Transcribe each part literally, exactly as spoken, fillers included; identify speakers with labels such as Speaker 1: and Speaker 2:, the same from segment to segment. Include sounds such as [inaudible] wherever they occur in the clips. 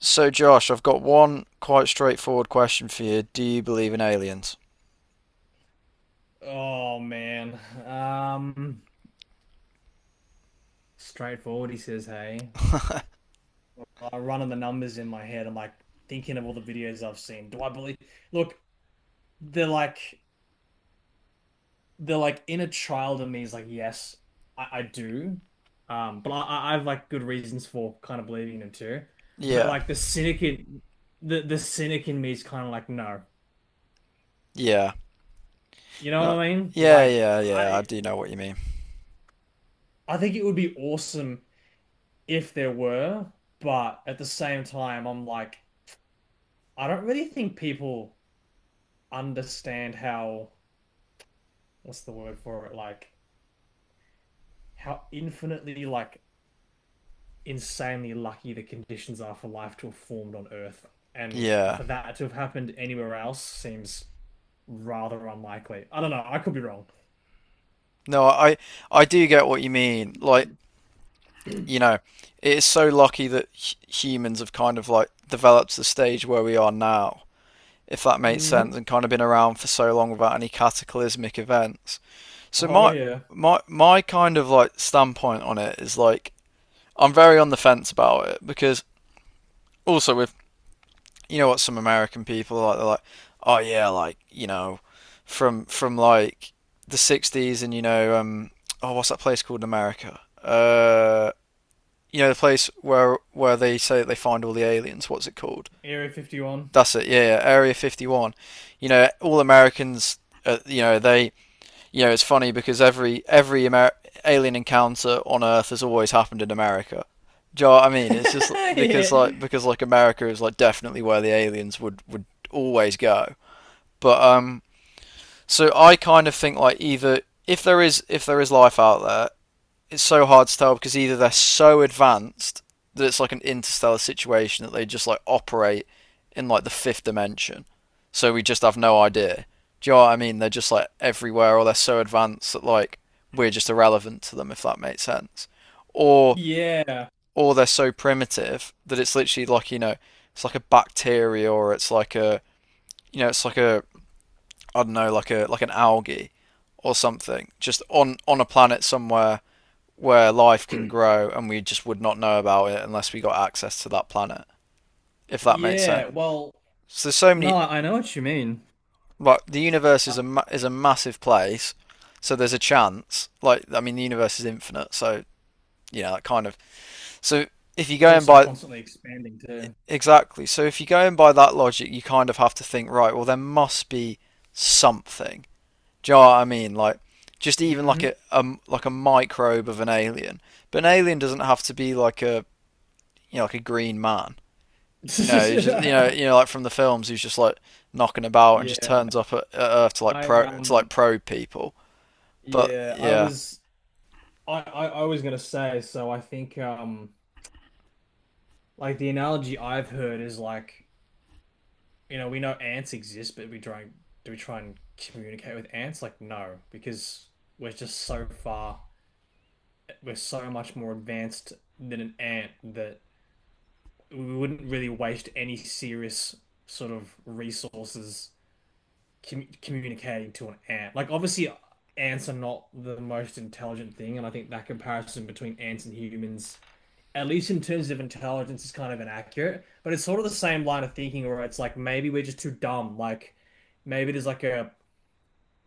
Speaker 1: So, Josh, I've got one quite straightforward question for you. Do you believe in aliens?
Speaker 2: Oh man. Um, straightforward, he says, hey. I'm running the numbers in my head. I'm like thinking of all the videos I've seen. Do I believe? Look, they're like they're like inner child in me is like, yes, I, I do. Um, but I, I- I've like good reasons for kind of believing them too. But
Speaker 1: Yeah.
Speaker 2: like the cynic in the the cynic in me is kind of like, no.
Speaker 1: Yeah.
Speaker 2: You know
Speaker 1: No.
Speaker 2: what I mean?
Speaker 1: Yeah,
Speaker 2: Like
Speaker 1: yeah, yeah. I
Speaker 2: I
Speaker 1: do know what you mean.
Speaker 2: I think it would be awesome if there were, but at the same time, I'm like I don't really think people understand how, what's the word for it? Like how infinitely, like insanely lucky the conditions are for life to have formed on Earth. And
Speaker 1: Yeah.
Speaker 2: for that to have happened anywhere else seems rather unlikely. I don't know. I could be wrong.
Speaker 1: No, I I do get what you mean. Like, you know, it is so lucky that h humans have kind of like developed the stage where we are now, if that makes sense,
Speaker 2: Hmm.
Speaker 1: and kind of been around for so long without any cataclysmic events. So
Speaker 2: Oh
Speaker 1: my
Speaker 2: yeah.
Speaker 1: my my kind of like standpoint on it is like I'm very on the fence about it because also with you know what some American people are like, they're like, oh yeah, like you know, from from like the sixties and you know, um, oh, what's that place called in America? Uh, you know, the place where where they say that they find all the aliens. What's it called?
Speaker 2: Area fifty-one.
Speaker 1: That's it. Yeah, yeah, Area fifty-one. You know, all Americans, uh, you know, they you know, it's funny because every every Amer alien encounter on Earth has always happened in America. Do you know what I mean? It's just
Speaker 2: [laughs]
Speaker 1: because like,
Speaker 2: Yeah.
Speaker 1: because like America is like definitely where the aliens would would always go. But um, so I kind of think like, either if there is if there is life out there, it's so hard to tell because either they're so advanced that it's like an interstellar situation, that they just like operate in like the fifth dimension, so we just have no idea. Do you know what I mean? They're just like everywhere, or they're so advanced that like we're just irrelevant to them, if that makes sense. Or
Speaker 2: Yeah.
Speaker 1: or they're so primitive that it's literally like, you know, it's like a bacteria, or it's like a you know it's like a, I don't know, like a like an algae or something, just on on a planet somewhere where life can grow, and we just would not know about it unless we got access to that planet, if that makes sense.
Speaker 2: Yeah. Well,
Speaker 1: So there's so
Speaker 2: no,
Speaker 1: many,
Speaker 2: I I know what you mean.
Speaker 1: like, the universe is a
Speaker 2: Uh,
Speaker 1: ma- is a massive place, so there's a chance. Like I mean, the universe is infinite, so you know, that kind of. So if you
Speaker 2: it's
Speaker 1: go in
Speaker 2: also
Speaker 1: by
Speaker 2: constantly expanding too.
Speaker 1: Exactly, so if you go in by that logic, you kind of have to think, right? Well, there must be something. Do you know what I mean? Like, just even like
Speaker 2: Hmm.
Speaker 1: a, a like a microbe of an alien, but an alien doesn't have to be like a, you know, like a green man, you know, he's just, you know, you
Speaker 2: [laughs]
Speaker 1: know, like from the films, he's just like knocking about and just
Speaker 2: Yeah,
Speaker 1: turns up at, at Earth to like
Speaker 2: I
Speaker 1: pro to like
Speaker 2: um
Speaker 1: probe people. But
Speaker 2: yeah, I
Speaker 1: yeah,
Speaker 2: was I, I I was gonna say, so I think um like the analogy I've heard is like, you know, we know ants exist, but we try and do we try and communicate with ants? Like no, because we're just so far, we're so much more advanced than an ant that we wouldn't really waste any serious sort of resources com communicating to an ant. Like obviously ants are not the most intelligent thing, and I think that comparison between ants and humans, at least in terms of intelligence, is kind of inaccurate. But it's sort of the same line of thinking where it's like maybe we're just too dumb. Like maybe there's like a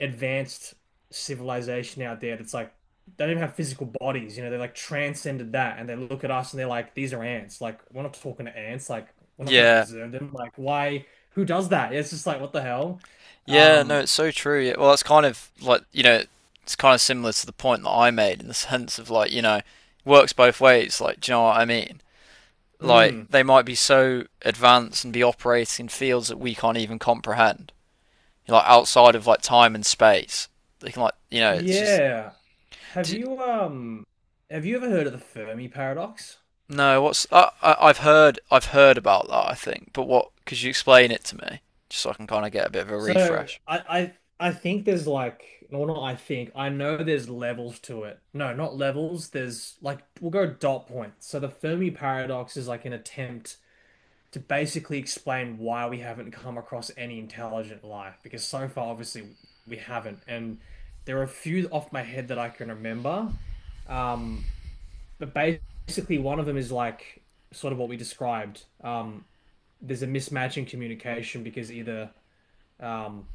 Speaker 2: advanced civilization out there that's like they don't even have physical bodies, you know, they like transcended that and they look at us and they're like, these are ants. Like we're not talking to ants, like we're not gonna
Speaker 1: yeah.
Speaker 2: observe them. Like why who does that? It's just like what the hell?
Speaker 1: Yeah, no,
Speaker 2: Um
Speaker 1: it's so true. Yeah, well, it's kind of like, you know, it's kind of similar to the point that I made in the [laughs] sense of like, you know, works both ways. Like, do you know what I mean? Like,
Speaker 2: Mm,
Speaker 1: they might be so advanced and be operating in fields that we can't even comprehend, like outside of like time and space. They can like, you know, it's just.
Speaker 2: yeah. Have you um have you ever heard of the Fermi paradox?
Speaker 1: No, what's I, I I've heard I've heard about that, I think. But what, could you explain it to me just so I can kind of get a bit of a
Speaker 2: So
Speaker 1: refresh?
Speaker 2: I I I think there's like, well, not, I think, I know there's levels to it. No, not levels. There's like we'll go dot points. So the Fermi paradox is like an attempt to basically explain why we haven't come across any intelligent life because so far obviously we haven't. And there are a few off my head that I can remember. Um, but basically one of them is like sort of what we described. Um, there's a mismatch in communication because either um,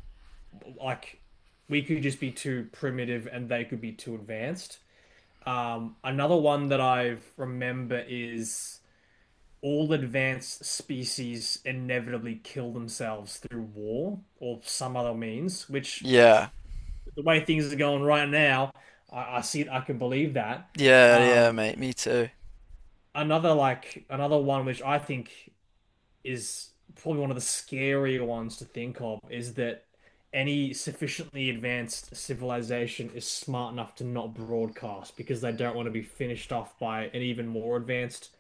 Speaker 2: like we could just be too primitive and they could be too advanced. Um, another one that I remember is all advanced species inevitably kill themselves through war or some other means, which
Speaker 1: Yeah.
Speaker 2: the way things are going right now, I, I see it, I can believe that.
Speaker 1: Yeah, yeah,
Speaker 2: Um,
Speaker 1: mate, me too.
Speaker 2: another like another one which I think is probably one of the scarier ones to think of is that any sufficiently advanced civilization is smart enough to not broadcast because they don't want to be finished off by an even more advanced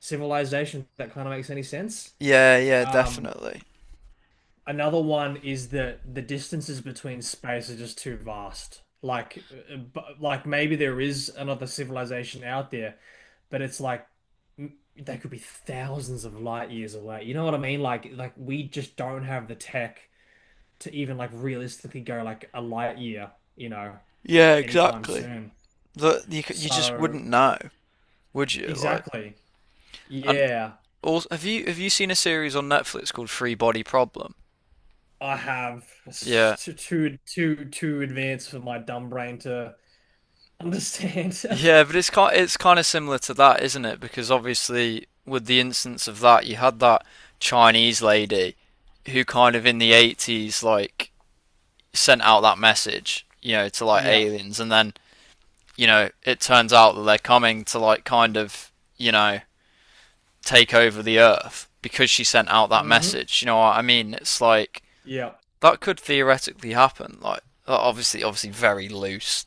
Speaker 2: civilization. If that kind of makes any sense.
Speaker 1: Yeah, yeah,
Speaker 2: Um,
Speaker 1: definitely.
Speaker 2: Another one is that the distances between space are just too vast. Like, uh, bu- like maybe there is another civilization out there, but it's like m- they could be thousands of light years away. You know what I mean? Like, like we just don't have the tech to even like realistically go like a light year, you know,
Speaker 1: Yeah,
Speaker 2: anytime
Speaker 1: exactly.
Speaker 2: soon.
Speaker 1: Look, you c- you just
Speaker 2: So
Speaker 1: wouldn't know, would you? Like,
Speaker 2: exactly,
Speaker 1: and
Speaker 2: yeah.
Speaker 1: also, have you have you seen a series on Netflix called Free Body Problem?
Speaker 2: I have s-
Speaker 1: Yeah.
Speaker 2: too too too too advanced for my dumb brain to understand. [laughs]
Speaker 1: Yeah, but it's kind it's kind of similar to that, isn't it? Because obviously, with the instance of that, you had that Chinese lady who kind of in the eighties like sent out that message, you know, to like
Speaker 2: Yeah.
Speaker 1: aliens, and then, you know, it turns out that they're coming to like kind of, you know, take over the earth because she sent out that
Speaker 2: Hmm.
Speaker 1: message. You know what I mean? It's like
Speaker 2: Yeah.
Speaker 1: that could theoretically happen. Like, that obviously obviously very loose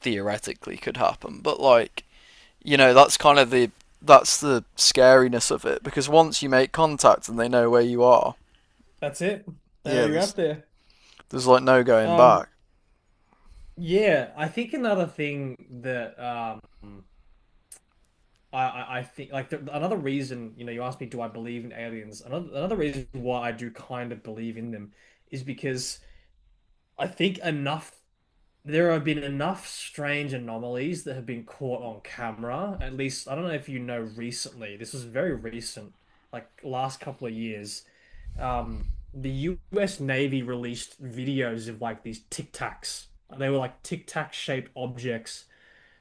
Speaker 1: theoretically could happen, but like, you know, that's kind of the that's the scariness of it, because once you make contact and they know where you are,
Speaker 2: That's it. I know
Speaker 1: yeah,
Speaker 2: you're
Speaker 1: there's
Speaker 2: out there.
Speaker 1: there's like no going
Speaker 2: Um,
Speaker 1: back.
Speaker 2: yeah, I think another thing that um I I, I think like the, another reason, you know, you asked me, do I believe in aliens? Another another reason why I do kind of believe in them is because I think enough There have been enough strange anomalies that have been caught on camera. At least, I don't know if you know recently, this was very recent, like last couple of years. Um, the U S Navy released videos of like these Tic Tacs. They were like Tic Tac shaped objects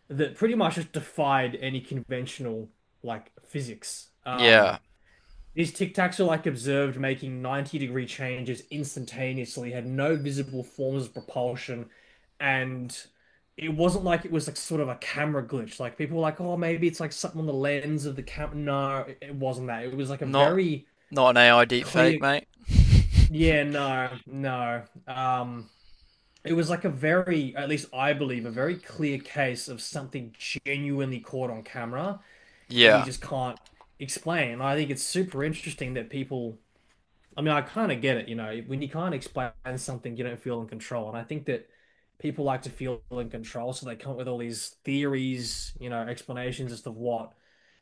Speaker 2: that pretty much just defied any conventional like physics.
Speaker 1: Yeah,
Speaker 2: Um, these Tic Tacs are like observed making ninety degree changes instantaneously, had no visible forms of propulsion, and it wasn't like it was like sort of a camera glitch. Like people were like, oh, maybe it's like something on the lens of the camera. No, it it wasn't that. It was like a
Speaker 1: not
Speaker 2: very
Speaker 1: not an A I deepfake,
Speaker 2: clear.
Speaker 1: mate.
Speaker 2: Yeah,
Speaker 1: [laughs]
Speaker 2: no, no. Um, it was like a very, at least I believe, a very clear case of something genuinely caught on camera that we
Speaker 1: Yeah,
Speaker 2: just can't explain. And I think it's super interesting that people I mean, I kind of get it, you know, when you can't explain something, you don't feel in control. And I think that people like to feel in control, so they come up with all these theories, you know, explanations as to what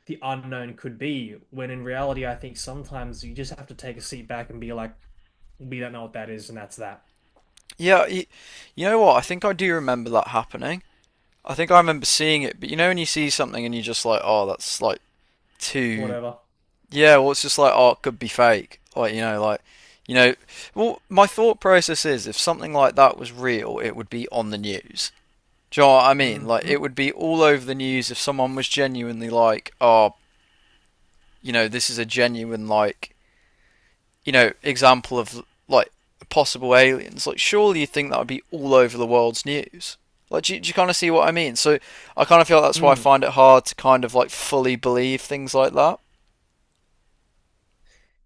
Speaker 2: the unknown could be, when in reality, I think sometimes you just have to take a seat back and be like, we don't know what that is, and that's that.
Speaker 1: yeah. You, you know what? I think I do remember that happening. I think I remember seeing it, but you know, when you see something and you're just like, oh, that's like too.
Speaker 2: Whatever.
Speaker 1: Yeah, well, it's just like, oh, it could be fake. Like, you know, like, you know. Well, my thought process is, if something like that was real, it would be on the news. Do you know what I mean?
Speaker 2: Mm,
Speaker 1: Like, it
Speaker 2: mm,
Speaker 1: would be all over the news if someone was genuinely like, oh, you know, this is a genuine, like, you know, example of, like, possible aliens. Like, surely you think that would be all over the world's news. Like, do you, do you kind of see what I mean? So, I kind of feel that's why I
Speaker 2: mm.
Speaker 1: find it hard to kind of, like, fully believe things like that.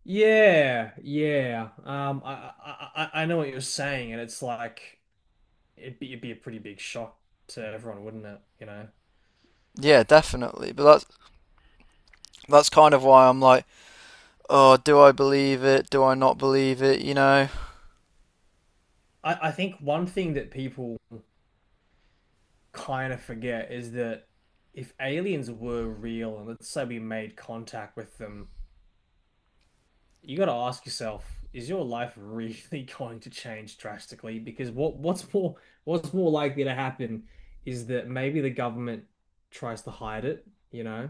Speaker 2: Yeah, yeah. Um, I, I I I know what you're saying, and it's like it'd be it'd be a pretty big shock to everyone, wouldn't it? You know.
Speaker 1: Yeah, definitely. But that's that's kind of why I'm like, oh, do I believe it? Do I not believe it? You know?
Speaker 2: I, I think one thing that people kind of forget is that if aliens were real, and let's say we made contact with them, you got to ask yourself, is your life [laughs] really going to change drastically? Because what what's more what's more likely to happen is that maybe the government tries to hide it, you know?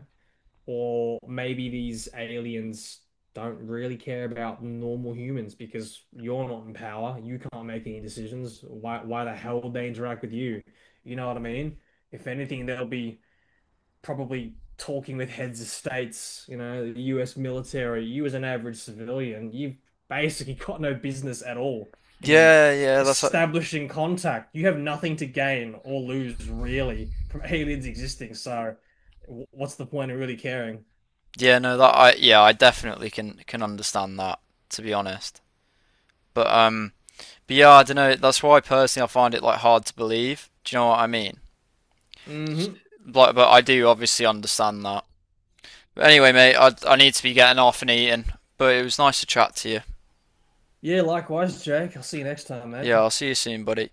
Speaker 2: Or maybe these aliens don't really care about normal humans because you're not in power. You can't make any decisions. Why, why the hell would they interact with you? You know what I mean? If anything, they'll be probably talking with heads of states, you know, the U S military. You as an average civilian, you've basically [laughs] got no business at all in
Speaker 1: Yeah, yeah, that's like.
Speaker 2: establishing contact. You have nothing to gain or lose really from [laughs] aliens existing. So, w- what's the point of really caring?
Speaker 1: Yeah, no, that I yeah, I definitely can can understand that, to be honest. But um, but yeah, I don't know. That's why personally I find it like hard to believe. Do you know what I mean?
Speaker 2: Hmm.
Speaker 1: Like, but I do obviously understand that. But anyway, mate, I I need to be getting off and eating. But it was nice to chat to you.
Speaker 2: Yeah, likewise, Jake. I'll see you next time, mate.
Speaker 1: Yeah, I'll see you soon, buddy.